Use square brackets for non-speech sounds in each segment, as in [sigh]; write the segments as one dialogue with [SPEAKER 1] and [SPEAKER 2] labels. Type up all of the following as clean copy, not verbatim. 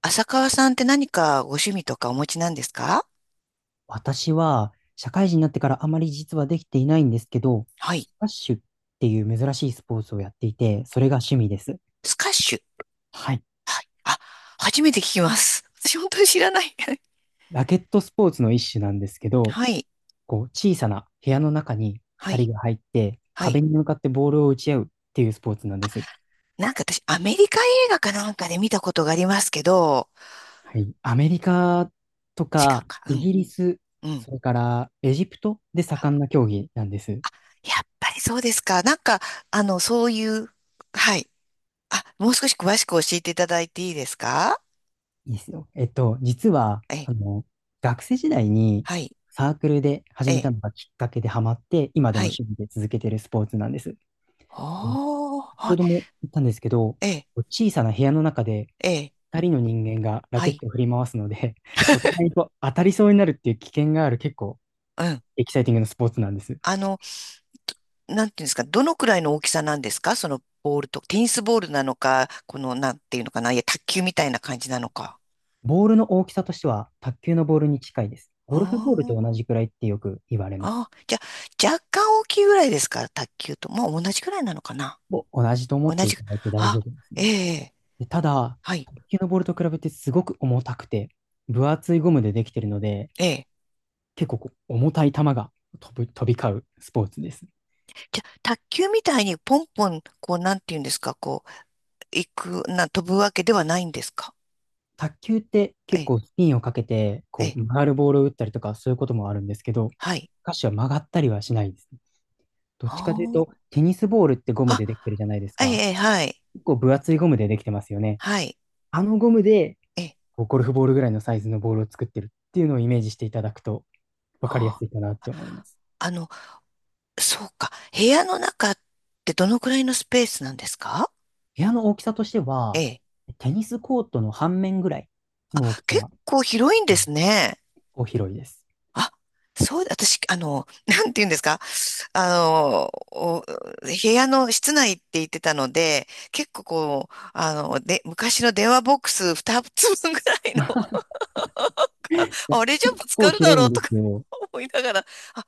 [SPEAKER 1] 浅川さんって何かご趣味とかお持ちなんですか？
[SPEAKER 2] 私は社会人になってからあまり実はできていないんですけど、
[SPEAKER 1] はい。
[SPEAKER 2] スカッシュっていう珍しいスポーツをやっていて、それが趣味です。
[SPEAKER 1] スカッシュ。
[SPEAKER 2] はい。
[SPEAKER 1] はい。あ、初めて聞きます。私本当に知らない。[laughs]
[SPEAKER 2] ラケットスポーツの一種なんですけど、
[SPEAKER 1] はい。
[SPEAKER 2] こう小さな部屋の中に
[SPEAKER 1] は
[SPEAKER 2] 2人
[SPEAKER 1] い。
[SPEAKER 2] が入って、
[SPEAKER 1] は
[SPEAKER 2] 壁
[SPEAKER 1] い。
[SPEAKER 2] に向かってボールを打ち合うっていうスポーツなんです。
[SPEAKER 1] なんか私、アメリカ映画かなんかで見たことがありますけど、
[SPEAKER 2] はい。アメリカと
[SPEAKER 1] 違う
[SPEAKER 2] か
[SPEAKER 1] か。う
[SPEAKER 2] イ
[SPEAKER 1] ん。
[SPEAKER 2] ギリス、
[SPEAKER 1] うん。
[SPEAKER 2] それからエジプトで盛んな競技なんです。
[SPEAKER 1] やっぱりそうですか。なんか、そういう、はい。あ、もう少し詳しく教えていただいていいですか？
[SPEAKER 2] いいですよ。実は、
[SPEAKER 1] え、
[SPEAKER 2] 学生時代に
[SPEAKER 1] はい。
[SPEAKER 2] サークルで始め
[SPEAKER 1] え、
[SPEAKER 2] たのがきっかけでハマって、今でも
[SPEAKER 1] はい。
[SPEAKER 2] 趣味で続けてるスポーツなんです。で
[SPEAKER 1] おー、
[SPEAKER 2] 先ほ
[SPEAKER 1] は
[SPEAKER 2] ども言ったんですけど、
[SPEAKER 1] い。え、
[SPEAKER 2] 小さな部屋の中で
[SPEAKER 1] え、
[SPEAKER 2] 2人の人間がラ
[SPEAKER 1] は
[SPEAKER 2] ケッ
[SPEAKER 1] い。
[SPEAKER 2] トを振り回すので、[laughs] お互いと当たりそうになるっていう危険がある結構
[SPEAKER 1] うん。
[SPEAKER 2] エキサイティングなスポーツなんです。
[SPEAKER 1] あの、なんていうんですか、どのくらいの大きさなんですか？そのボールと、テニスボールなのか、この、なんていうのかな、いや、卓球みたいな感じなのか。
[SPEAKER 2] ボールの大きさとしては卓球のボールに近いです。ゴルフボールと
[SPEAKER 1] あ
[SPEAKER 2] 同じくらいってよく言われます。
[SPEAKER 1] ああー、じゃあ、若干大きいぐらいですか？卓球と。もう同じぐらいなのかな。
[SPEAKER 2] 同じと思
[SPEAKER 1] 同
[SPEAKER 2] ってい
[SPEAKER 1] じ、
[SPEAKER 2] ただいて大丈
[SPEAKER 1] あ、
[SPEAKER 2] 夫です
[SPEAKER 1] え
[SPEAKER 2] ね。
[SPEAKER 1] え、
[SPEAKER 2] でただ、
[SPEAKER 1] はい、
[SPEAKER 2] 卓球のボールと比べてすごく重たくて、分厚いゴムでできてるので、
[SPEAKER 1] ええ。
[SPEAKER 2] 結構こう重たい球が飛び交うスポーツです。
[SPEAKER 1] じゃあ、卓球みたいにポンポン、こう、なんていうんですか、こう、行く、な、飛ぶわけではないんですか？
[SPEAKER 2] 卓球って
[SPEAKER 1] え
[SPEAKER 2] 結
[SPEAKER 1] え、
[SPEAKER 2] 構スピンをかけて、
[SPEAKER 1] え
[SPEAKER 2] こ
[SPEAKER 1] え、
[SPEAKER 2] う曲がるボールを打ったりとかそういうこともあるんですけど、ス
[SPEAKER 1] はい。
[SPEAKER 2] カッシュは曲がったりはしないですね。どっ
[SPEAKER 1] あ
[SPEAKER 2] ちかという
[SPEAKER 1] ー
[SPEAKER 2] と、テニスボールってゴム
[SPEAKER 1] あ、
[SPEAKER 2] でできてるじゃないですか。
[SPEAKER 1] ええ、はい、
[SPEAKER 2] 結構分厚いゴムでできてますよね。
[SPEAKER 1] はい、
[SPEAKER 2] あのゴムで、
[SPEAKER 1] ええ、
[SPEAKER 2] こうゴルフボールぐらいのサイズのボールを作ってるっていうのをイメージしていただくと分かりやす
[SPEAKER 1] あ
[SPEAKER 2] い
[SPEAKER 1] ー、
[SPEAKER 2] かなって思います。
[SPEAKER 1] あの、そうか。部屋の中ってどのくらいのスペースなんですか？
[SPEAKER 2] 部屋の大きさとして
[SPEAKER 1] え
[SPEAKER 2] は、
[SPEAKER 1] え。
[SPEAKER 2] テニスコートの半面ぐらいの大き
[SPEAKER 1] 結
[SPEAKER 2] さ、
[SPEAKER 1] 構広いん
[SPEAKER 2] う
[SPEAKER 1] ですね。
[SPEAKER 2] 広いです。
[SPEAKER 1] あ、そう、私、[laughs] なんて言うんですか。お部屋の室内って言ってたので、結構こう、で、昔の電話ボックス2つ分ぐら
[SPEAKER 2] [laughs]
[SPEAKER 1] い
[SPEAKER 2] ま
[SPEAKER 1] の、
[SPEAKER 2] あ、
[SPEAKER 1] [laughs] あれじゃ
[SPEAKER 2] 結
[SPEAKER 1] ぶつ
[SPEAKER 2] 構
[SPEAKER 1] かるだ
[SPEAKER 2] 広い
[SPEAKER 1] ろう
[SPEAKER 2] ん
[SPEAKER 1] と
[SPEAKER 2] で
[SPEAKER 1] か
[SPEAKER 2] すよ。
[SPEAKER 1] [laughs] 思いながら、あ、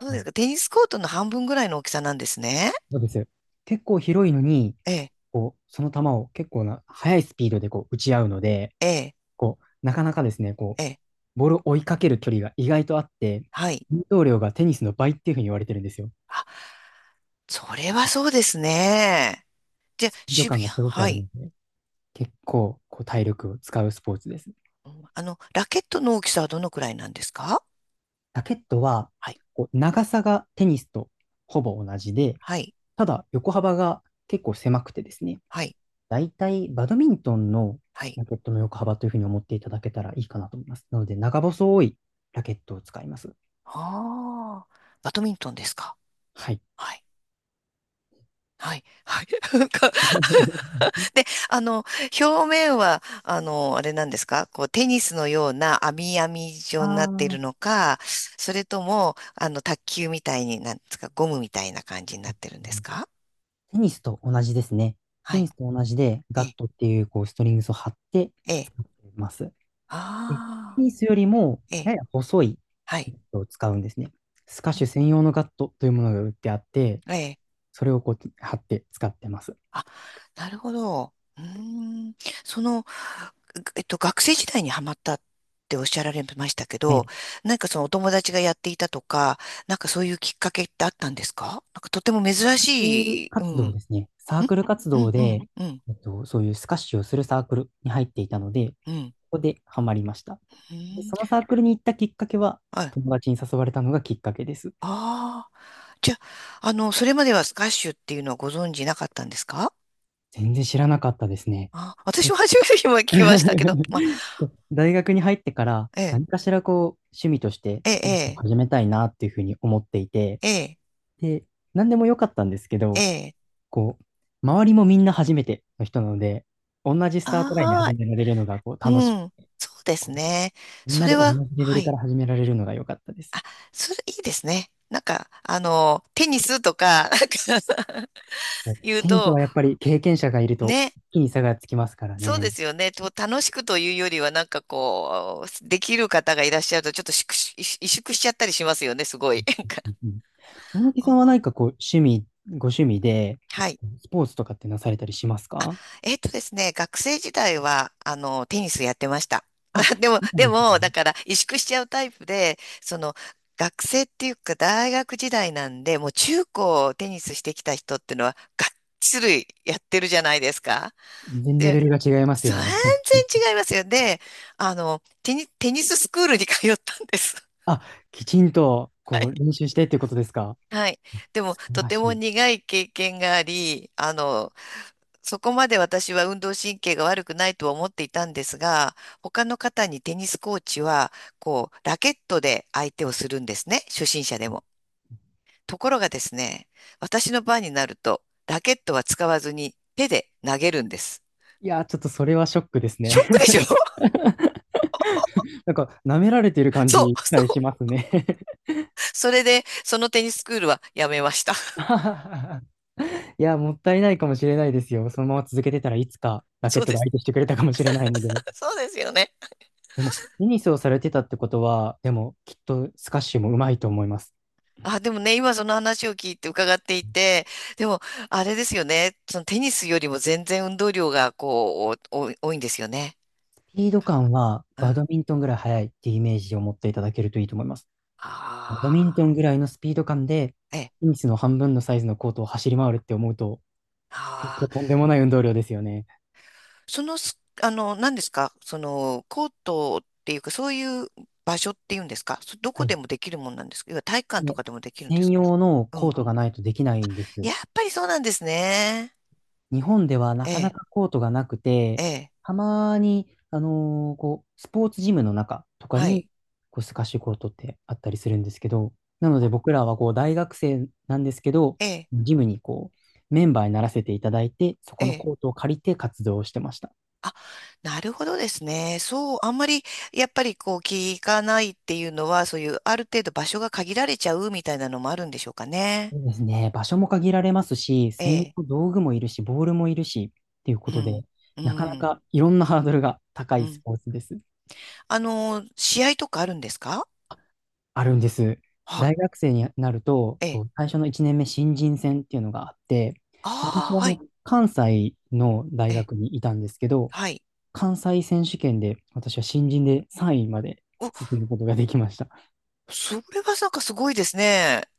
[SPEAKER 1] そうです
[SPEAKER 2] い。
[SPEAKER 1] か。テニスコートの半分ぐらいの大きさなんですね。
[SPEAKER 2] そうですよ。結構広いのに、
[SPEAKER 1] ええ、
[SPEAKER 2] こう、その球を結構な、速いスピードでこう打ち合うので、
[SPEAKER 1] ええ、
[SPEAKER 2] こう、なかなかですね、こ
[SPEAKER 1] ええ、
[SPEAKER 2] う、ボールを追いかける距離が意外とあって、
[SPEAKER 1] はい。
[SPEAKER 2] 運動量がテニスの倍っていうふうに言われてるんですよ。
[SPEAKER 1] あ、それはそうですね。じゃあ、
[SPEAKER 2] スピード
[SPEAKER 1] 渋
[SPEAKER 2] 感
[SPEAKER 1] 谷、
[SPEAKER 2] がすごくあ
[SPEAKER 1] は
[SPEAKER 2] るの
[SPEAKER 1] い。
[SPEAKER 2] で、結構こう体力を使うスポーツです。
[SPEAKER 1] ラケットの大きさはどのくらいなんですか？
[SPEAKER 2] ラケットは、
[SPEAKER 1] はい、
[SPEAKER 2] こう長さがテニスとほぼ同じで、
[SPEAKER 1] はい、
[SPEAKER 2] ただ横幅が結構狭くてですね、
[SPEAKER 1] はい、
[SPEAKER 2] だいたいバドミントンの
[SPEAKER 1] はい。
[SPEAKER 2] ラケットの横幅というふうに思っていただけたらいいかなと思います。なので、長細いラケットを使います。
[SPEAKER 1] ああ、バドミントンですか？
[SPEAKER 2] はい。
[SPEAKER 1] はい、はい、はい。[laughs] なんか [laughs]
[SPEAKER 2] [laughs]
[SPEAKER 1] で、表面は、あれなんですか？こう、テニスのような網網状になっているのか、それとも、卓球みたいに、なんですか、ゴムみたいな感じになってるんですか？
[SPEAKER 2] テニスと同じですね。
[SPEAKER 1] は
[SPEAKER 2] テニ
[SPEAKER 1] い、
[SPEAKER 2] スと同じで、
[SPEAKER 1] え
[SPEAKER 2] ガッ
[SPEAKER 1] え、
[SPEAKER 2] トっていうこうストリングスを張って
[SPEAKER 1] え
[SPEAKER 2] 使
[SPEAKER 1] え、
[SPEAKER 2] っています。でテ
[SPEAKER 1] ああ、
[SPEAKER 2] ニスよりも
[SPEAKER 1] え
[SPEAKER 2] や
[SPEAKER 1] え、
[SPEAKER 2] や細い
[SPEAKER 1] は
[SPEAKER 2] ガ
[SPEAKER 1] い、
[SPEAKER 2] ットを使うんですね。スカッ
[SPEAKER 1] う
[SPEAKER 2] シュ
[SPEAKER 1] ん、
[SPEAKER 2] 専用のガットというものが売ってあって、
[SPEAKER 1] ええ。
[SPEAKER 2] それをこう貼って使ってます。
[SPEAKER 1] あ、なるほど。うーん。その、学生時代にハマったっておっしゃられましたけ
[SPEAKER 2] はい。
[SPEAKER 1] ど、
[SPEAKER 2] サ
[SPEAKER 1] なんかそのお友達がやっていたとか、なんかそういうきっかけってあったんですか？なんかとても珍
[SPEAKER 2] ークル
[SPEAKER 1] しい。う
[SPEAKER 2] 活
[SPEAKER 1] ん。
[SPEAKER 2] 動
[SPEAKER 1] ん、
[SPEAKER 2] ですね。サークル活
[SPEAKER 1] う
[SPEAKER 2] 動
[SPEAKER 1] んう
[SPEAKER 2] で、
[SPEAKER 1] んうん
[SPEAKER 2] そういうスカッシュをするサークルに入っていたので、こ
[SPEAKER 1] うん。
[SPEAKER 2] こでハマりました。
[SPEAKER 1] う
[SPEAKER 2] で、
[SPEAKER 1] ん。
[SPEAKER 2] そのサークルに行ったきっかけは、
[SPEAKER 1] はい。
[SPEAKER 2] 友達に誘われたのがきっかけです。
[SPEAKER 1] ああ。じゃあ、それまではスカッシュっていうのはご存知なかったんですか？
[SPEAKER 2] 全然知らなかったですね。
[SPEAKER 1] あ、私
[SPEAKER 2] え
[SPEAKER 1] も初めて今聞きましたけど、まあ、
[SPEAKER 2] [laughs] 大学に入ってから
[SPEAKER 1] ええ、
[SPEAKER 2] 何かしらこう趣味として
[SPEAKER 1] え
[SPEAKER 2] スポーツを
[SPEAKER 1] え、
[SPEAKER 2] 始めたいなっていうふうに思っていて、
[SPEAKER 1] ええ、
[SPEAKER 2] で、何でもよかったんですけ
[SPEAKER 1] え
[SPEAKER 2] ど、
[SPEAKER 1] え、
[SPEAKER 2] こう、周りもみんな初めての人なので、同じスタートラインで
[SPEAKER 1] ああ、
[SPEAKER 2] 始められるのが、こう、
[SPEAKER 1] う
[SPEAKER 2] 楽しく。
[SPEAKER 1] ん、そうです
[SPEAKER 2] こう
[SPEAKER 1] ね。
[SPEAKER 2] みん
[SPEAKER 1] そ
[SPEAKER 2] なで
[SPEAKER 1] れ
[SPEAKER 2] 同
[SPEAKER 1] は、
[SPEAKER 2] じレベ
[SPEAKER 1] は
[SPEAKER 2] ルか
[SPEAKER 1] い。
[SPEAKER 2] ら始められるのが良かったです。
[SPEAKER 1] あ、それいいですね。なんか、テニスとか、なんか
[SPEAKER 2] もう
[SPEAKER 1] [laughs] 言う
[SPEAKER 2] テニス
[SPEAKER 1] と、
[SPEAKER 2] はやっぱり経験者がいると、
[SPEAKER 1] ね、
[SPEAKER 2] 一気に差がつきますから
[SPEAKER 1] そうで
[SPEAKER 2] ね。
[SPEAKER 1] すよね。と楽しくというよりは、なんかこう、できる方がいらっしゃると、ちょっと萎縮しちゃったりしますよね、すごい。なんか、
[SPEAKER 2] うんうん。大貫
[SPEAKER 1] あ、
[SPEAKER 2] さんは何かこう、ご趣味で、
[SPEAKER 1] はい。
[SPEAKER 2] スポーツとかってなされたりしますか？
[SPEAKER 1] えっとですね、学生時代は、テニスやってました。
[SPEAKER 2] あ、
[SPEAKER 1] [laughs] でも、
[SPEAKER 2] そう
[SPEAKER 1] で
[SPEAKER 2] なんです
[SPEAKER 1] も、
[SPEAKER 2] ね。
[SPEAKER 1] だから、萎縮しちゃうタイプで、その、学生っていうか、大学時代なんで、もう中高テニスしてきた人ってのは、がっつりやってるじゃないですか。
[SPEAKER 2] 全然レ
[SPEAKER 1] で、
[SPEAKER 2] ベルが違います
[SPEAKER 1] 全
[SPEAKER 2] よね。
[SPEAKER 1] 然違いますよ。で、テニススクールに通ったんです。
[SPEAKER 2] [laughs] あ、きちんと、
[SPEAKER 1] [laughs] は
[SPEAKER 2] こう、
[SPEAKER 1] い。
[SPEAKER 2] 練習してっていうことですか？
[SPEAKER 1] はい。でも、
[SPEAKER 2] 素晴
[SPEAKER 1] と
[SPEAKER 2] ら
[SPEAKER 1] て
[SPEAKER 2] し
[SPEAKER 1] も
[SPEAKER 2] い。
[SPEAKER 1] 苦い経験があり、そこまで私は運動神経が悪くないとは思っていたんですが、他の方にテニスコーチは、こう、ラケットで相手をするんですね。初心者でも。ところがですね、私の番になると、ラケットは使わずに手で投げるんです。
[SPEAKER 2] いやー、ちょっとそれはショックです
[SPEAKER 1] ショッ
[SPEAKER 2] ね。
[SPEAKER 1] クでしょ。 [laughs]
[SPEAKER 2] なんか、舐められてる感
[SPEAKER 1] そう、
[SPEAKER 2] じが
[SPEAKER 1] そ
[SPEAKER 2] し
[SPEAKER 1] う。
[SPEAKER 2] ますね。
[SPEAKER 1] それで、そのテニススクールはやめました。[laughs]
[SPEAKER 2] [laughs] いや、もったいないかもしれないですよ。そのまま続けてたらいつかラケ
[SPEAKER 1] そ
[SPEAKER 2] ッ
[SPEAKER 1] う
[SPEAKER 2] ト
[SPEAKER 1] で
[SPEAKER 2] で
[SPEAKER 1] す。
[SPEAKER 2] 相手してくれたかもしれないのでね。
[SPEAKER 1] [laughs] そうですよね。
[SPEAKER 2] でも、テニスをされてたってことは、でも、きっとスカッシュも上手いと思います。
[SPEAKER 1] あ、でもね、今その話を聞いて伺っていて、でも、あれですよね、そのテニスよりも全然運動量がこう、お多いんですよね。
[SPEAKER 2] スピード感は
[SPEAKER 1] う
[SPEAKER 2] バ
[SPEAKER 1] ん。
[SPEAKER 2] ドミントンぐらい速いっていうイメージを持っていただけるといいと思います。バドミン
[SPEAKER 1] あ
[SPEAKER 2] ト
[SPEAKER 1] あ、
[SPEAKER 2] ンぐらいのスピード感で、
[SPEAKER 1] ええ、
[SPEAKER 2] テニスの半分のサイズのコートを走り回るって思うと、結
[SPEAKER 1] あ
[SPEAKER 2] 構
[SPEAKER 1] あ、
[SPEAKER 2] とんでもない運動量ですよね。
[SPEAKER 1] そのす、何ですか、その、コートっていうか、そういう場所っていうんですか、そど
[SPEAKER 2] は
[SPEAKER 1] こ
[SPEAKER 2] い。
[SPEAKER 1] でもできるもんなんですか、要は体育館と
[SPEAKER 2] で、
[SPEAKER 1] かでもできるんです
[SPEAKER 2] 専
[SPEAKER 1] か。
[SPEAKER 2] 用の
[SPEAKER 1] う
[SPEAKER 2] コー
[SPEAKER 1] ん。
[SPEAKER 2] トがないとできないんです。
[SPEAKER 1] やっぱりそうなんですね。
[SPEAKER 2] 日本ではな
[SPEAKER 1] え
[SPEAKER 2] かな
[SPEAKER 1] え、
[SPEAKER 2] かコートがなく
[SPEAKER 1] え
[SPEAKER 2] て、
[SPEAKER 1] え、
[SPEAKER 2] たまに、こう、スポーツジムの中とか
[SPEAKER 1] は
[SPEAKER 2] に、
[SPEAKER 1] い。
[SPEAKER 2] こう、スカッシュコートってあったりするんですけど、なので
[SPEAKER 1] あ、
[SPEAKER 2] 僕らはこう、大学生なんですけど、
[SPEAKER 1] ええ、
[SPEAKER 2] ジムにこう、メンバーにならせていただいて、そ
[SPEAKER 1] え
[SPEAKER 2] この
[SPEAKER 1] え。
[SPEAKER 2] コートを借りて活動をしてました。
[SPEAKER 1] あ、なるほどですね。そう、あんまり、やっぱりこう、聞かないっていうのは、そういう、ある程度場所が限られちゃうみたいなのもあるんでしょうかね。
[SPEAKER 2] そうですね。場所も限られますし、
[SPEAKER 1] え
[SPEAKER 2] 専用
[SPEAKER 1] え。
[SPEAKER 2] の道具もいるし、ボールもいるし、っていうこ
[SPEAKER 1] う
[SPEAKER 2] とで、
[SPEAKER 1] ん。う
[SPEAKER 2] なかな
[SPEAKER 1] ん。
[SPEAKER 2] かいろんなハードルが高
[SPEAKER 1] う
[SPEAKER 2] いス
[SPEAKER 1] ん。
[SPEAKER 2] ポーツです。
[SPEAKER 1] あのー、試合とかあるんですか？
[SPEAKER 2] あるんです。
[SPEAKER 1] はい。
[SPEAKER 2] 大学生になると、
[SPEAKER 1] ええ。
[SPEAKER 2] こう、最初の1年目新人戦っていうのがあって、私
[SPEAKER 1] あ
[SPEAKER 2] は
[SPEAKER 1] あ、
[SPEAKER 2] あ
[SPEAKER 1] はい。
[SPEAKER 2] の関西の大
[SPEAKER 1] ええ。
[SPEAKER 2] 学にいたんですけど、
[SPEAKER 1] はい。
[SPEAKER 2] 関西選手権で私は新人で3位まで
[SPEAKER 1] お、
[SPEAKER 2] 進むことができました。
[SPEAKER 1] それはなんかすごいですね。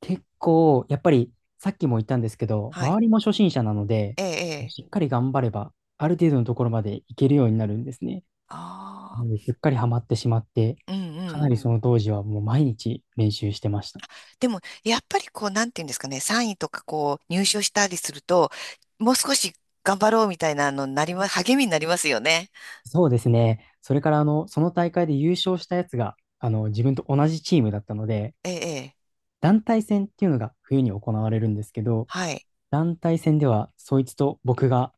[SPEAKER 2] 結構、やっぱりさっきも言ったんですけど、
[SPEAKER 1] はい。
[SPEAKER 2] 周りも初心者なので、
[SPEAKER 1] ええ、え
[SPEAKER 2] しっ
[SPEAKER 1] え。
[SPEAKER 2] かり頑張れば、ある程度のところまでいけるようになるんですね。
[SPEAKER 1] あ
[SPEAKER 2] な
[SPEAKER 1] あ、
[SPEAKER 2] のですっかりハマってしまって、
[SPEAKER 1] うんう
[SPEAKER 2] かな
[SPEAKER 1] ん。
[SPEAKER 2] りその当時はもう毎日練習してました。
[SPEAKER 1] でも、やっぱりこう、なんていうんですかね、3位とかこう、入賞したりすると、もう少し頑張ろうみたいなのになりま、励みになりますよね。
[SPEAKER 2] そうですね。それから、その大会で優勝したやつが、自分と同じチームだったので、
[SPEAKER 1] ええ、ええ、
[SPEAKER 2] 団体戦っていうのが冬に行われるんですけど、
[SPEAKER 1] はい。
[SPEAKER 2] 団体戦では、そいつと僕が、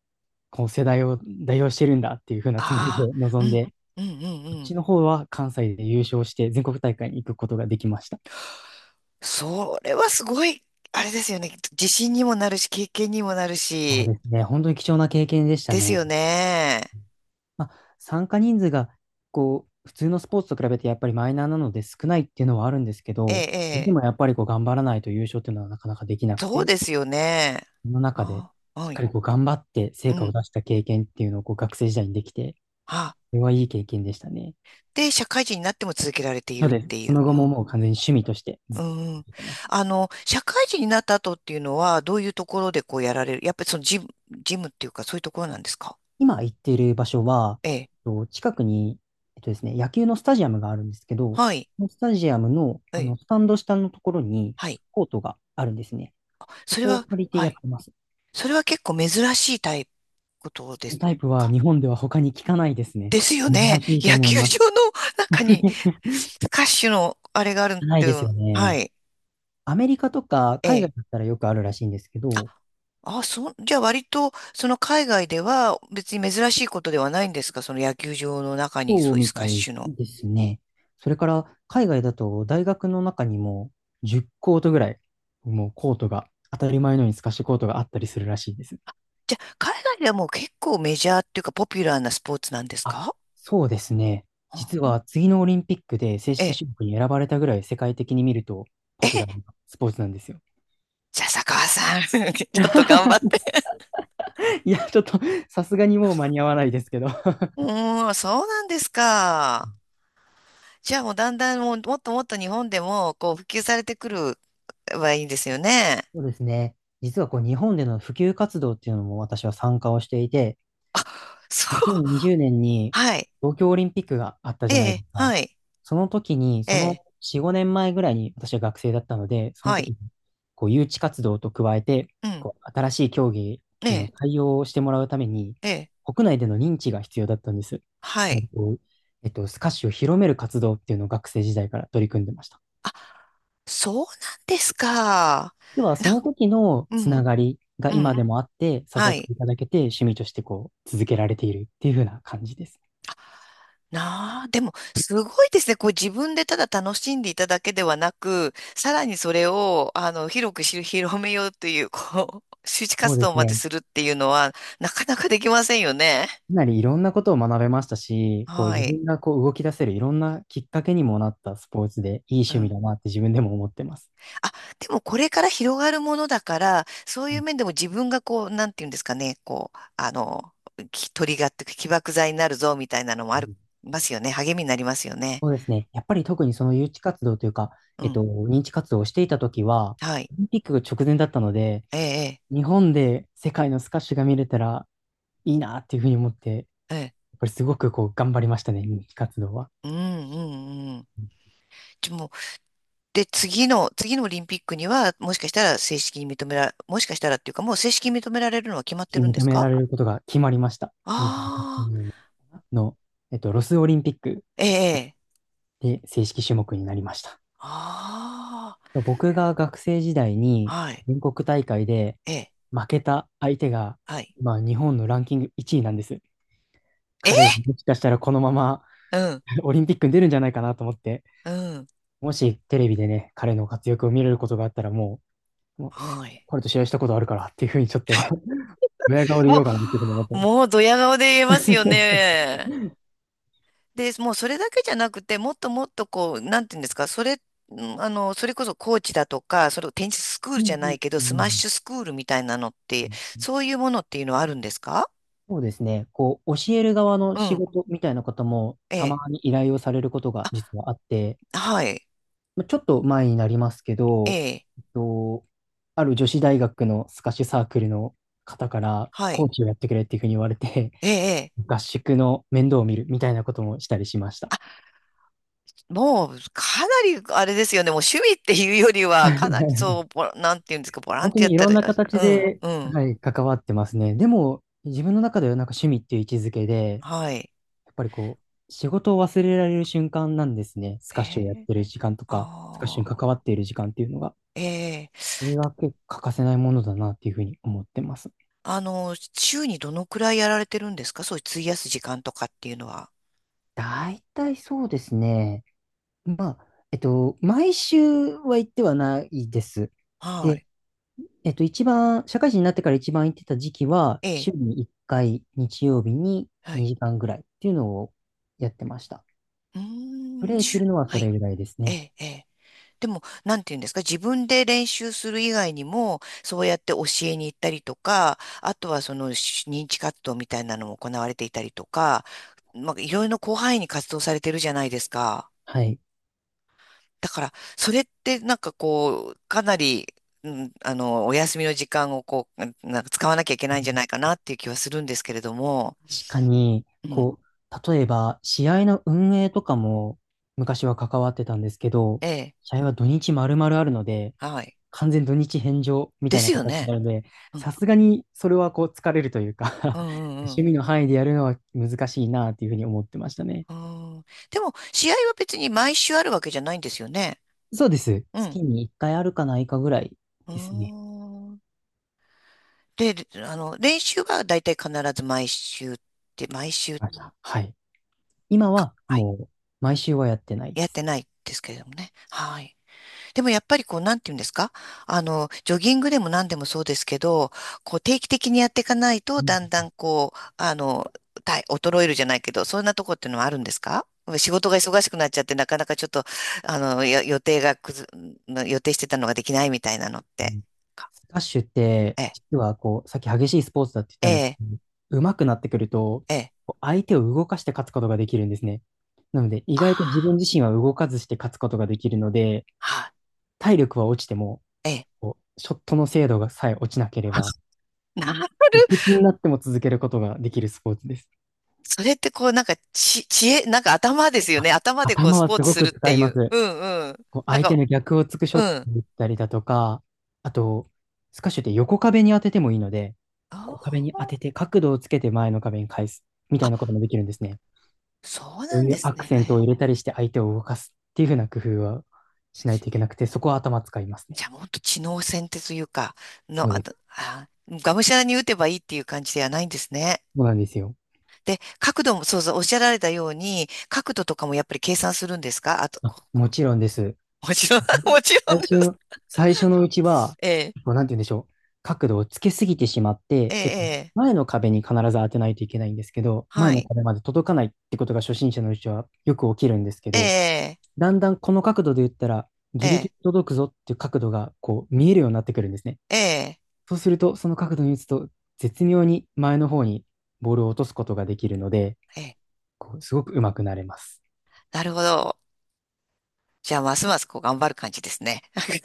[SPEAKER 2] こう、世代を代表してるんだっていう風なつもりで
[SPEAKER 1] ああ、
[SPEAKER 2] 臨
[SPEAKER 1] う
[SPEAKER 2] ん
[SPEAKER 1] ん、
[SPEAKER 2] で、
[SPEAKER 1] うん、う
[SPEAKER 2] そっ
[SPEAKER 1] ん、う
[SPEAKER 2] ち
[SPEAKER 1] ん。
[SPEAKER 2] の方は関西で優勝して全国大会に行くことができました。
[SPEAKER 1] それはすごい、あれですよね。自信にもなるし、経験にもなる
[SPEAKER 2] そう
[SPEAKER 1] し、
[SPEAKER 2] ですね。本当に貴重な経験でした
[SPEAKER 1] です
[SPEAKER 2] ね。
[SPEAKER 1] よね。
[SPEAKER 2] まあ、参加人数が、こう、普通のスポーツと比べてやっぱりマイナーなので少ないっていうのはあるんですけ
[SPEAKER 1] ええ、
[SPEAKER 2] ど、
[SPEAKER 1] え
[SPEAKER 2] で
[SPEAKER 1] え、
[SPEAKER 2] もやっぱりこう頑張らないと優勝っていうのはなかなかできなく
[SPEAKER 1] そう
[SPEAKER 2] て、
[SPEAKER 1] ですよね。
[SPEAKER 2] その中で
[SPEAKER 1] ああ、
[SPEAKER 2] しっ
[SPEAKER 1] は
[SPEAKER 2] か
[SPEAKER 1] い。
[SPEAKER 2] りこう頑張って成
[SPEAKER 1] う
[SPEAKER 2] 果を
[SPEAKER 1] ん。
[SPEAKER 2] 出した経験っていうのをこう学生時代にできて、
[SPEAKER 1] あ、
[SPEAKER 2] それはいい経験でしたね。
[SPEAKER 1] で、社会人になっても続けられてい
[SPEAKER 2] の
[SPEAKER 1] るっ
[SPEAKER 2] で、
[SPEAKER 1] てい
[SPEAKER 2] そ
[SPEAKER 1] う。
[SPEAKER 2] の
[SPEAKER 1] う
[SPEAKER 2] 後も
[SPEAKER 1] ん。
[SPEAKER 2] もう完全に趣味としてずっ
[SPEAKER 1] う
[SPEAKER 2] と
[SPEAKER 1] ん。
[SPEAKER 2] 続けてます。
[SPEAKER 1] 社会人になった後っていうのは、どういうところでこうやられる？やっぱりそのジム、ジムっていうか、そういうところなんですか？
[SPEAKER 2] 今行っている場所は、
[SPEAKER 1] ええ。
[SPEAKER 2] 近くに、ですね、野球のスタジアムがあるんですけど、
[SPEAKER 1] はい。
[SPEAKER 2] そのスタジアムの、
[SPEAKER 1] え
[SPEAKER 2] あ
[SPEAKER 1] え。
[SPEAKER 2] のスタンド下のところに
[SPEAKER 1] はい。
[SPEAKER 2] コートがあるんですね。そ
[SPEAKER 1] それ
[SPEAKER 2] こを
[SPEAKER 1] は、
[SPEAKER 2] 借りて
[SPEAKER 1] は
[SPEAKER 2] やっ
[SPEAKER 1] い。
[SPEAKER 2] てます。
[SPEAKER 1] それは結構珍しいタイプこと
[SPEAKER 2] そ
[SPEAKER 1] で
[SPEAKER 2] の
[SPEAKER 1] す
[SPEAKER 2] タイプは
[SPEAKER 1] か？
[SPEAKER 2] 日本では他に聞かないですね。
[SPEAKER 1] ですよね。
[SPEAKER 2] 珍しいと
[SPEAKER 1] 野
[SPEAKER 2] 思い
[SPEAKER 1] 球
[SPEAKER 2] ます。
[SPEAKER 1] 場の中に、
[SPEAKER 2] [laughs]
[SPEAKER 1] スカッシュのあれがあるっ
[SPEAKER 2] ない
[SPEAKER 1] て
[SPEAKER 2] で
[SPEAKER 1] い
[SPEAKER 2] す
[SPEAKER 1] う。
[SPEAKER 2] よね。
[SPEAKER 1] はい。
[SPEAKER 2] アメリカとか
[SPEAKER 1] え
[SPEAKER 2] 海外
[SPEAKER 1] え。
[SPEAKER 2] だったらよくあるらしいんですけど、
[SPEAKER 1] あ、あ、そう、じゃあ割と、その海外では別に珍しいことではないんですか？その野球場の中に
[SPEAKER 2] そ
[SPEAKER 1] そ
[SPEAKER 2] う
[SPEAKER 1] ういう
[SPEAKER 2] み
[SPEAKER 1] スカ
[SPEAKER 2] た
[SPEAKER 1] ッ
[SPEAKER 2] い
[SPEAKER 1] シュの。
[SPEAKER 2] ですね。それから海外だと大学の中にも10コートぐらい、もうコートが、当たり前のように透かしコートがあったりするらしいです。
[SPEAKER 1] じゃあ、海外ではもう結構メジャーっていうかポピュラーなスポーツなんです
[SPEAKER 2] あ、
[SPEAKER 1] か？
[SPEAKER 2] そうですね。実は
[SPEAKER 1] あ、
[SPEAKER 2] 次のオリンピックで正
[SPEAKER 1] え
[SPEAKER 2] 式
[SPEAKER 1] え。
[SPEAKER 2] 種目に選ばれたぐらい世界的に見ると
[SPEAKER 1] え
[SPEAKER 2] ポピュ
[SPEAKER 1] え、
[SPEAKER 2] ラーなスポーツなんですよ。
[SPEAKER 1] じゃあ、坂川さん、[laughs] ちょっと頑張っ
[SPEAKER 2] [laughs]
[SPEAKER 1] て。
[SPEAKER 2] いや、ちょっと、さすがにもう間に合わないですけど。
[SPEAKER 1] うーん、そうなんですか。じゃあもうだんだんもうもっともっと日本でもこう普及されてくるはいいんですよね。
[SPEAKER 2] そうですね。実はこう日本での普及活動っていうのも私は参加をしていて、
[SPEAKER 1] そう。
[SPEAKER 2] 2020年にじゅうねんに
[SPEAKER 1] はい。
[SPEAKER 2] 東京オリンピックがあった
[SPEAKER 1] え
[SPEAKER 2] じゃないで
[SPEAKER 1] え、
[SPEAKER 2] すか。
[SPEAKER 1] はい。
[SPEAKER 2] その時に、
[SPEAKER 1] え
[SPEAKER 2] そ
[SPEAKER 1] え、
[SPEAKER 2] の4、5年前ぐらいに私は学生だったので、その
[SPEAKER 1] は
[SPEAKER 2] 時
[SPEAKER 1] い。
[SPEAKER 2] にこう誘致活動と加えて、
[SPEAKER 1] うん。
[SPEAKER 2] こう新しい競技
[SPEAKER 1] え
[SPEAKER 2] への
[SPEAKER 1] え、
[SPEAKER 2] 対応をしてもらうために、
[SPEAKER 1] ええ、
[SPEAKER 2] 国内での認知が必要だったんです。
[SPEAKER 1] は
[SPEAKER 2] も
[SPEAKER 1] い。
[SPEAKER 2] うこうスカッシュを広める活動っていうのを学生時代から取り組んでました。
[SPEAKER 1] あ、そうなんですか。
[SPEAKER 2] 要は
[SPEAKER 1] な、
[SPEAKER 2] その時の
[SPEAKER 1] う
[SPEAKER 2] つな
[SPEAKER 1] ん、
[SPEAKER 2] がりが
[SPEAKER 1] う
[SPEAKER 2] 今
[SPEAKER 1] ん。
[SPEAKER 2] でもあって、誘
[SPEAKER 1] は
[SPEAKER 2] っ
[SPEAKER 1] い。
[SPEAKER 2] ていただけて趣味としてこう続けられているっていう風な感じです。
[SPEAKER 1] なあ、でも、すごいですね。こう自分でただ楽しんでいただけではなく、さらにそれを、広くし [laughs] 広めようという、こう、周知
[SPEAKER 2] そう
[SPEAKER 1] 活
[SPEAKER 2] で
[SPEAKER 1] 動
[SPEAKER 2] す
[SPEAKER 1] まで
[SPEAKER 2] ね。
[SPEAKER 1] するっていうのは、なかなかできませんよね。
[SPEAKER 2] かなりいろんなことを学べましたし、こう
[SPEAKER 1] は
[SPEAKER 2] 自
[SPEAKER 1] い。
[SPEAKER 2] 分がこう動き出せるいろんなきっかけにもなったスポーツでいい
[SPEAKER 1] う
[SPEAKER 2] 趣味
[SPEAKER 1] ん。
[SPEAKER 2] だなって自分でも思ってます。
[SPEAKER 1] あ、でもこれから広がるものだから、そう
[SPEAKER 2] う
[SPEAKER 1] いう
[SPEAKER 2] ん
[SPEAKER 1] 面でも自分がこう、なんていうんですかね、こう、きトリガーっていうか起爆剤になるぞみたいなのも
[SPEAKER 2] う
[SPEAKER 1] あり
[SPEAKER 2] ん。
[SPEAKER 1] ますよね。励みになりますよね。
[SPEAKER 2] そうですね。やっぱり特にその誘致活動というか、
[SPEAKER 1] うん。
[SPEAKER 2] 認知活動をしていた時は、
[SPEAKER 1] はい。
[SPEAKER 2] オリンピックが直前だったので、
[SPEAKER 1] ええ、
[SPEAKER 2] 日本で世界のスカッシュが見れたらいいなっていうふうに思って、
[SPEAKER 1] ええ、ええ。
[SPEAKER 2] っぱりすごくこう頑張りましたね、人気活動は。
[SPEAKER 1] うん、うん、うん。ちょで、次の、次のオリンピックには、もしかしたら正式に認めら、もしかしたらっていうか、もう正式に認められるのは決まってるん
[SPEAKER 2] 認
[SPEAKER 1] です
[SPEAKER 2] めら
[SPEAKER 1] か？
[SPEAKER 2] れることが決まりました。28
[SPEAKER 1] ああ
[SPEAKER 2] 年の、ロスオリンピック
[SPEAKER 1] ー、え
[SPEAKER 2] です。
[SPEAKER 1] え、
[SPEAKER 2] で、正式種目になりました。
[SPEAKER 1] あ
[SPEAKER 2] 僕が学生時代に
[SPEAKER 1] あ、はい、
[SPEAKER 2] 全国大会で
[SPEAKER 1] ええ、
[SPEAKER 2] 負けた相手が、
[SPEAKER 1] はい。
[SPEAKER 2] まあ、日本のランキング1位なんです。彼
[SPEAKER 1] え、
[SPEAKER 2] がもしかしたらこのまま
[SPEAKER 1] うん、
[SPEAKER 2] [laughs] オリンピックに出るんじゃないかなと思って、
[SPEAKER 1] うん、
[SPEAKER 2] もしテレビでね、彼の活躍を見れることがあったらもう
[SPEAKER 1] はい。
[SPEAKER 2] 彼と試合したことあるからっていうふうにちょっと [laughs] ドヤ顔で [laughs] 言お
[SPEAKER 1] も
[SPEAKER 2] うかなっていうふうに思ってます。
[SPEAKER 1] もうドヤ顔で言えますよね。で、もうそれだけじゃなくて、もっとこう、なんていうんですか、それ、んあの、それこそコーチだとか、それをテニススクー
[SPEAKER 2] う
[SPEAKER 1] ルじ
[SPEAKER 2] ん
[SPEAKER 1] ゃ
[SPEAKER 2] う
[SPEAKER 1] な
[SPEAKER 2] ん
[SPEAKER 1] いけど、
[SPEAKER 2] う
[SPEAKER 1] スマッ
[SPEAKER 2] ん
[SPEAKER 1] シュスクールみたいなのっ
[SPEAKER 2] う
[SPEAKER 1] て、
[SPEAKER 2] んうん。
[SPEAKER 1] そういうものっていうのはあるんですか？
[SPEAKER 2] そうですね。こう、教える側の
[SPEAKER 1] う
[SPEAKER 2] 仕
[SPEAKER 1] ん。
[SPEAKER 2] 事みたいな方も
[SPEAKER 1] え
[SPEAKER 2] たま
[SPEAKER 1] え。
[SPEAKER 2] に依頼をされることが実はあって、
[SPEAKER 1] あ、はい。
[SPEAKER 2] まあちょっと前になりますけ
[SPEAKER 1] え
[SPEAKER 2] ど、
[SPEAKER 1] え。
[SPEAKER 2] えっと、ある女子大学のスカッシュサークルの方から
[SPEAKER 1] は
[SPEAKER 2] コー
[SPEAKER 1] い。
[SPEAKER 2] チをやってくれっていうふうに言われて、
[SPEAKER 1] ええ。ええ、
[SPEAKER 2] [laughs] 合宿の面倒を見るみたいなこともしたりしました。
[SPEAKER 1] あ、もう、かなり、あれですよね。もう趣味っていうよりは、かなり、
[SPEAKER 2] [laughs]
[SPEAKER 1] そう、なんていうんですか、ボラ
[SPEAKER 2] 本
[SPEAKER 1] ン
[SPEAKER 2] 当
[SPEAKER 1] ティアや
[SPEAKER 2] に
[SPEAKER 1] っ
[SPEAKER 2] い
[SPEAKER 1] た
[SPEAKER 2] ろんな
[SPEAKER 1] ら、あ
[SPEAKER 2] 形
[SPEAKER 1] うん、
[SPEAKER 2] で、
[SPEAKER 1] うん。
[SPEAKER 2] はい、関わってますね。でも、自分の中ではなんか趣味っていう位置づけで、
[SPEAKER 1] はい。
[SPEAKER 2] やっぱりこう、仕事を忘れられる瞬間なんですね。ス
[SPEAKER 1] え
[SPEAKER 2] カッシュをやっ
[SPEAKER 1] え。
[SPEAKER 2] てる時間とか、スカッシュに
[SPEAKER 1] ああ。
[SPEAKER 2] 関わっている時間っていうのが、
[SPEAKER 1] ええ。
[SPEAKER 2] それが結構欠かせないものだなっていうふうに思ってます。
[SPEAKER 1] あの、週にどのくらいやられてるんですか？そういう費やす時間とかっていうのは。
[SPEAKER 2] 大体そうですね。まあ、毎週は行ってはないです。
[SPEAKER 1] は
[SPEAKER 2] で、
[SPEAKER 1] い。
[SPEAKER 2] 社会人になってから一番行ってた時期は、
[SPEAKER 1] ええ。
[SPEAKER 2] 週に1回、日曜日に
[SPEAKER 1] はい。
[SPEAKER 2] 2時間ぐらいっていうのをやってました。
[SPEAKER 1] う
[SPEAKER 2] プ
[SPEAKER 1] ーん、
[SPEAKER 2] レイするのは
[SPEAKER 1] は
[SPEAKER 2] それ
[SPEAKER 1] い。
[SPEAKER 2] ぐらいです
[SPEAKER 1] え
[SPEAKER 2] ね。
[SPEAKER 1] え。ええ、でも、なんていうんですか、自分で練習する以外にも、そうやって教えに行ったりとか、あとはその認知活動みたいなのも行われていたりとか、まあ、いろいろな広範囲に活動されてるじゃないですか。
[SPEAKER 2] はい。
[SPEAKER 1] だから、それってなんかこう、かなり、お休みの時間をこう、なんか使わなきゃいけないんじゃないかなっていう気はするんですけれども、
[SPEAKER 2] 確かに、
[SPEAKER 1] うん、
[SPEAKER 2] こう、例えば、試合の運営とかも昔は関わってたんですけど、
[SPEAKER 1] ええ、
[SPEAKER 2] 試合は土日丸々あるので、
[SPEAKER 1] はい。
[SPEAKER 2] 完全土日返上みた
[SPEAKER 1] で
[SPEAKER 2] い
[SPEAKER 1] す
[SPEAKER 2] な
[SPEAKER 1] よ
[SPEAKER 2] 形に
[SPEAKER 1] ね。
[SPEAKER 2] なるので、
[SPEAKER 1] うん、
[SPEAKER 2] さすがにそれはこう疲れるというか、
[SPEAKER 1] う
[SPEAKER 2] [laughs]
[SPEAKER 1] ん、うん、う
[SPEAKER 2] 趣
[SPEAKER 1] ん。
[SPEAKER 2] 味の範囲でやるのは難しいなというふうに思ってましたね。
[SPEAKER 1] うん、でも、試合は別に毎週あるわけじゃないんですよね。
[SPEAKER 2] そうです。
[SPEAKER 1] うん。
[SPEAKER 2] 月に1回あるかないかぐらい
[SPEAKER 1] うー
[SPEAKER 2] ですね。
[SPEAKER 1] ん。で、あの、練習はだいたい必ず毎週って、毎週
[SPEAKER 2] ましたはい。今
[SPEAKER 1] か、
[SPEAKER 2] は
[SPEAKER 1] はい、
[SPEAKER 2] もう毎週はやってない
[SPEAKER 1] や
[SPEAKER 2] で
[SPEAKER 1] って
[SPEAKER 2] す。
[SPEAKER 1] ないですけれどもね。はい。でもやっぱりこう、なんていうんですか、あの、ジョギングでも何でもそうですけど、こう、定期的にやっていかないと、だんだんこう、あの、体衰えるじゃないけど、そんなとこってのはあるんですか？仕事が忙しくなっちゃって、なかなかちょっと、あの、よ予定がくず、予定してたのができないみたいなのっ
[SPEAKER 2] う
[SPEAKER 1] て。
[SPEAKER 2] ん。スカッシュって、
[SPEAKER 1] ええ、
[SPEAKER 2] 実はこう、さっき激しいスポーツだって言った
[SPEAKER 1] え
[SPEAKER 2] んですけ
[SPEAKER 1] え、
[SPEAKER 2] ど、上手くなってくると、
[SPEAKER 1] ええ。
[SPEAKER 2] こう相手を動かして勝つことができるんですね。なので、意
[SPEAKER 1] あ
[SPEAKER 2] 外と自分自
[SPEAKER 1] あ。
[SPEAKER 2] 身は動かずして勝つことができるので、
[SPEAKER 1] はい、
[SPEAKER 2] 体力は落ちても、
[SPEAKER 1] ええ。
[SPEAKER 2] こう、ショットの精度がさえ落ちなければ、
[SPEAKER 1] [laughs] なる。
[SPEAKER 2] いくつになっても続けることができるスポーツです。
[SPEAKER 1] それってこう、なんか、知恵、なんか頭ですよね。
[SPEAKER 2] あ、
[SPEAKER 1] 頭でこう、
[SPEAKER 2] 頭
[SPEAKER 1] ス
[SPEAKER 2] は
[SPEAKER 1] ポー
[SPEAKER 2] す
[SPEAKER 1] ツ
[SPEAKER 2] ご
[SPEAKER 1] す
[SPEAKER 2] く
[SPEAKER 1] るっ
[SPEAKER 2] 使
[SPEAKER 1] て
[SPEAKER 2] い
[SPEAKER 1] い
[SPEAKER 2] ま
[SPEAKER 1] う。
[SPEAKER 2] す。
[SPEAKER 1] うんうん。
[SPEAKER 2] こう
[SPEAKER 1] なん
[SPEAKER 2] 相手
[SPEAKER 1] か、
[SPEAKER 2] の逆をつくショ
[SPEAKER 1] う
[SPEAKER 2] ット
[SPEAKER 1] ん。
[SPEAKER 2] をったりだとか、あと、スカッシュって横壁に当ててもいいので、
[SPEAKER 1] あ
[SPEAKER 2] 横壁に
[SPEAKER 1] ー、
[SPEAKER 2] 当てて角度をつけて前の壁に返すみた
[SPEAKER 1] あ、
[SPEAKER 2] いなこともできるんですね。
[SPEAKER 1] そう
[SPEAKER 2] こ
[SPEAKER 1] な
[SPEAKER 2] う
[SPEAKER 1] ん
[SPEAKER 2] い
[SPEAKER 1] で
[SPEAKER 2] う
[SPEAKER 1] す
[SPEAKER 2] アク
[SPEAKER 1] ね。
[SPEAKER 2] セントを入
[SPEAKER 1] え、
[SPEAKER 2] れたりして相手を動かすっていうふうな工夫はしない
[SPEAKER 1] じ
[SPEAKER 2] といけなくて、そこは頭使いますね。
[SPEAKER 1] じゃあ、もっと知能戦ってというか、
[SPEAKER 2] そ
[SPEAKER 1] の、
[SPEAKER 2] う
[SPEAKER 1] あ
[SPEAKER 2] で
[SPEAKER 1] と、
[SPEAKER 2] す。
[SPEAKER 1] あ、がむしゃらに打てばいいっていう感じではないんですね。
[SPEAKER 2] そうなんですよ。
[SPEAKER 1] で、角度も、そうそう、おっしゃられたように、角度とかもやっぱり計算するんですか？あと、
[SPEAKER 2] あ、
[SPEAKER 1] こ、
[SPEAKER 2] も
[SPEAKER 1] こ、
[SPEAKER 2] ちろんです。
[SPEAKER 1] もちろん、[laughs] もちろ
[SPEAKER 2] 最
[SPEAKER 1] んです。
[SPEAKER 2] 初、最初のうちは、
[SPEAKER 1] ええ、
[SPEAKER 2] こうなんて言うんでしょう。角度をつけすぎてしまっ
[SPEAKER 1] え
[SPEAKER 2] て、
[SPEAKER 1] え、ええ、
[SPEAKER 2] 前の壁に必ず当てないといけないんですけど、前
[SPEAKER 1] は
[SPEAKER 2] の
[SPEAKER 1] い。
[SPEAKER 2] 壁まで届かないってことが初心者のうちはよく起きるんですけ
[SPEAKER 1] え
[SPEAKER 2] ど、
[SPEAKER 1] え、
[SPEAKER 2] だんだんこの角度で言ったら、
[SPEAKER 1] え
[SPEAKER 2] ギリギ
[SPEAKER 1] え、
[SPEAKER 2] リ届くぞっていう角度がこう見えるようになってくるんですね。
[SPEAKER 1] ええ。
[SPEAKER 2] そうすると、その角度に打つと、絶妙に前の方にボールを落とすことができるので、
[SPEAKER 1] ええ、
[SPEAKER 2] こうすごく上手くなれます。
[SPEAKER 1] なるほど。じゃあ、ますますこう頑張る感じですね。[laughs]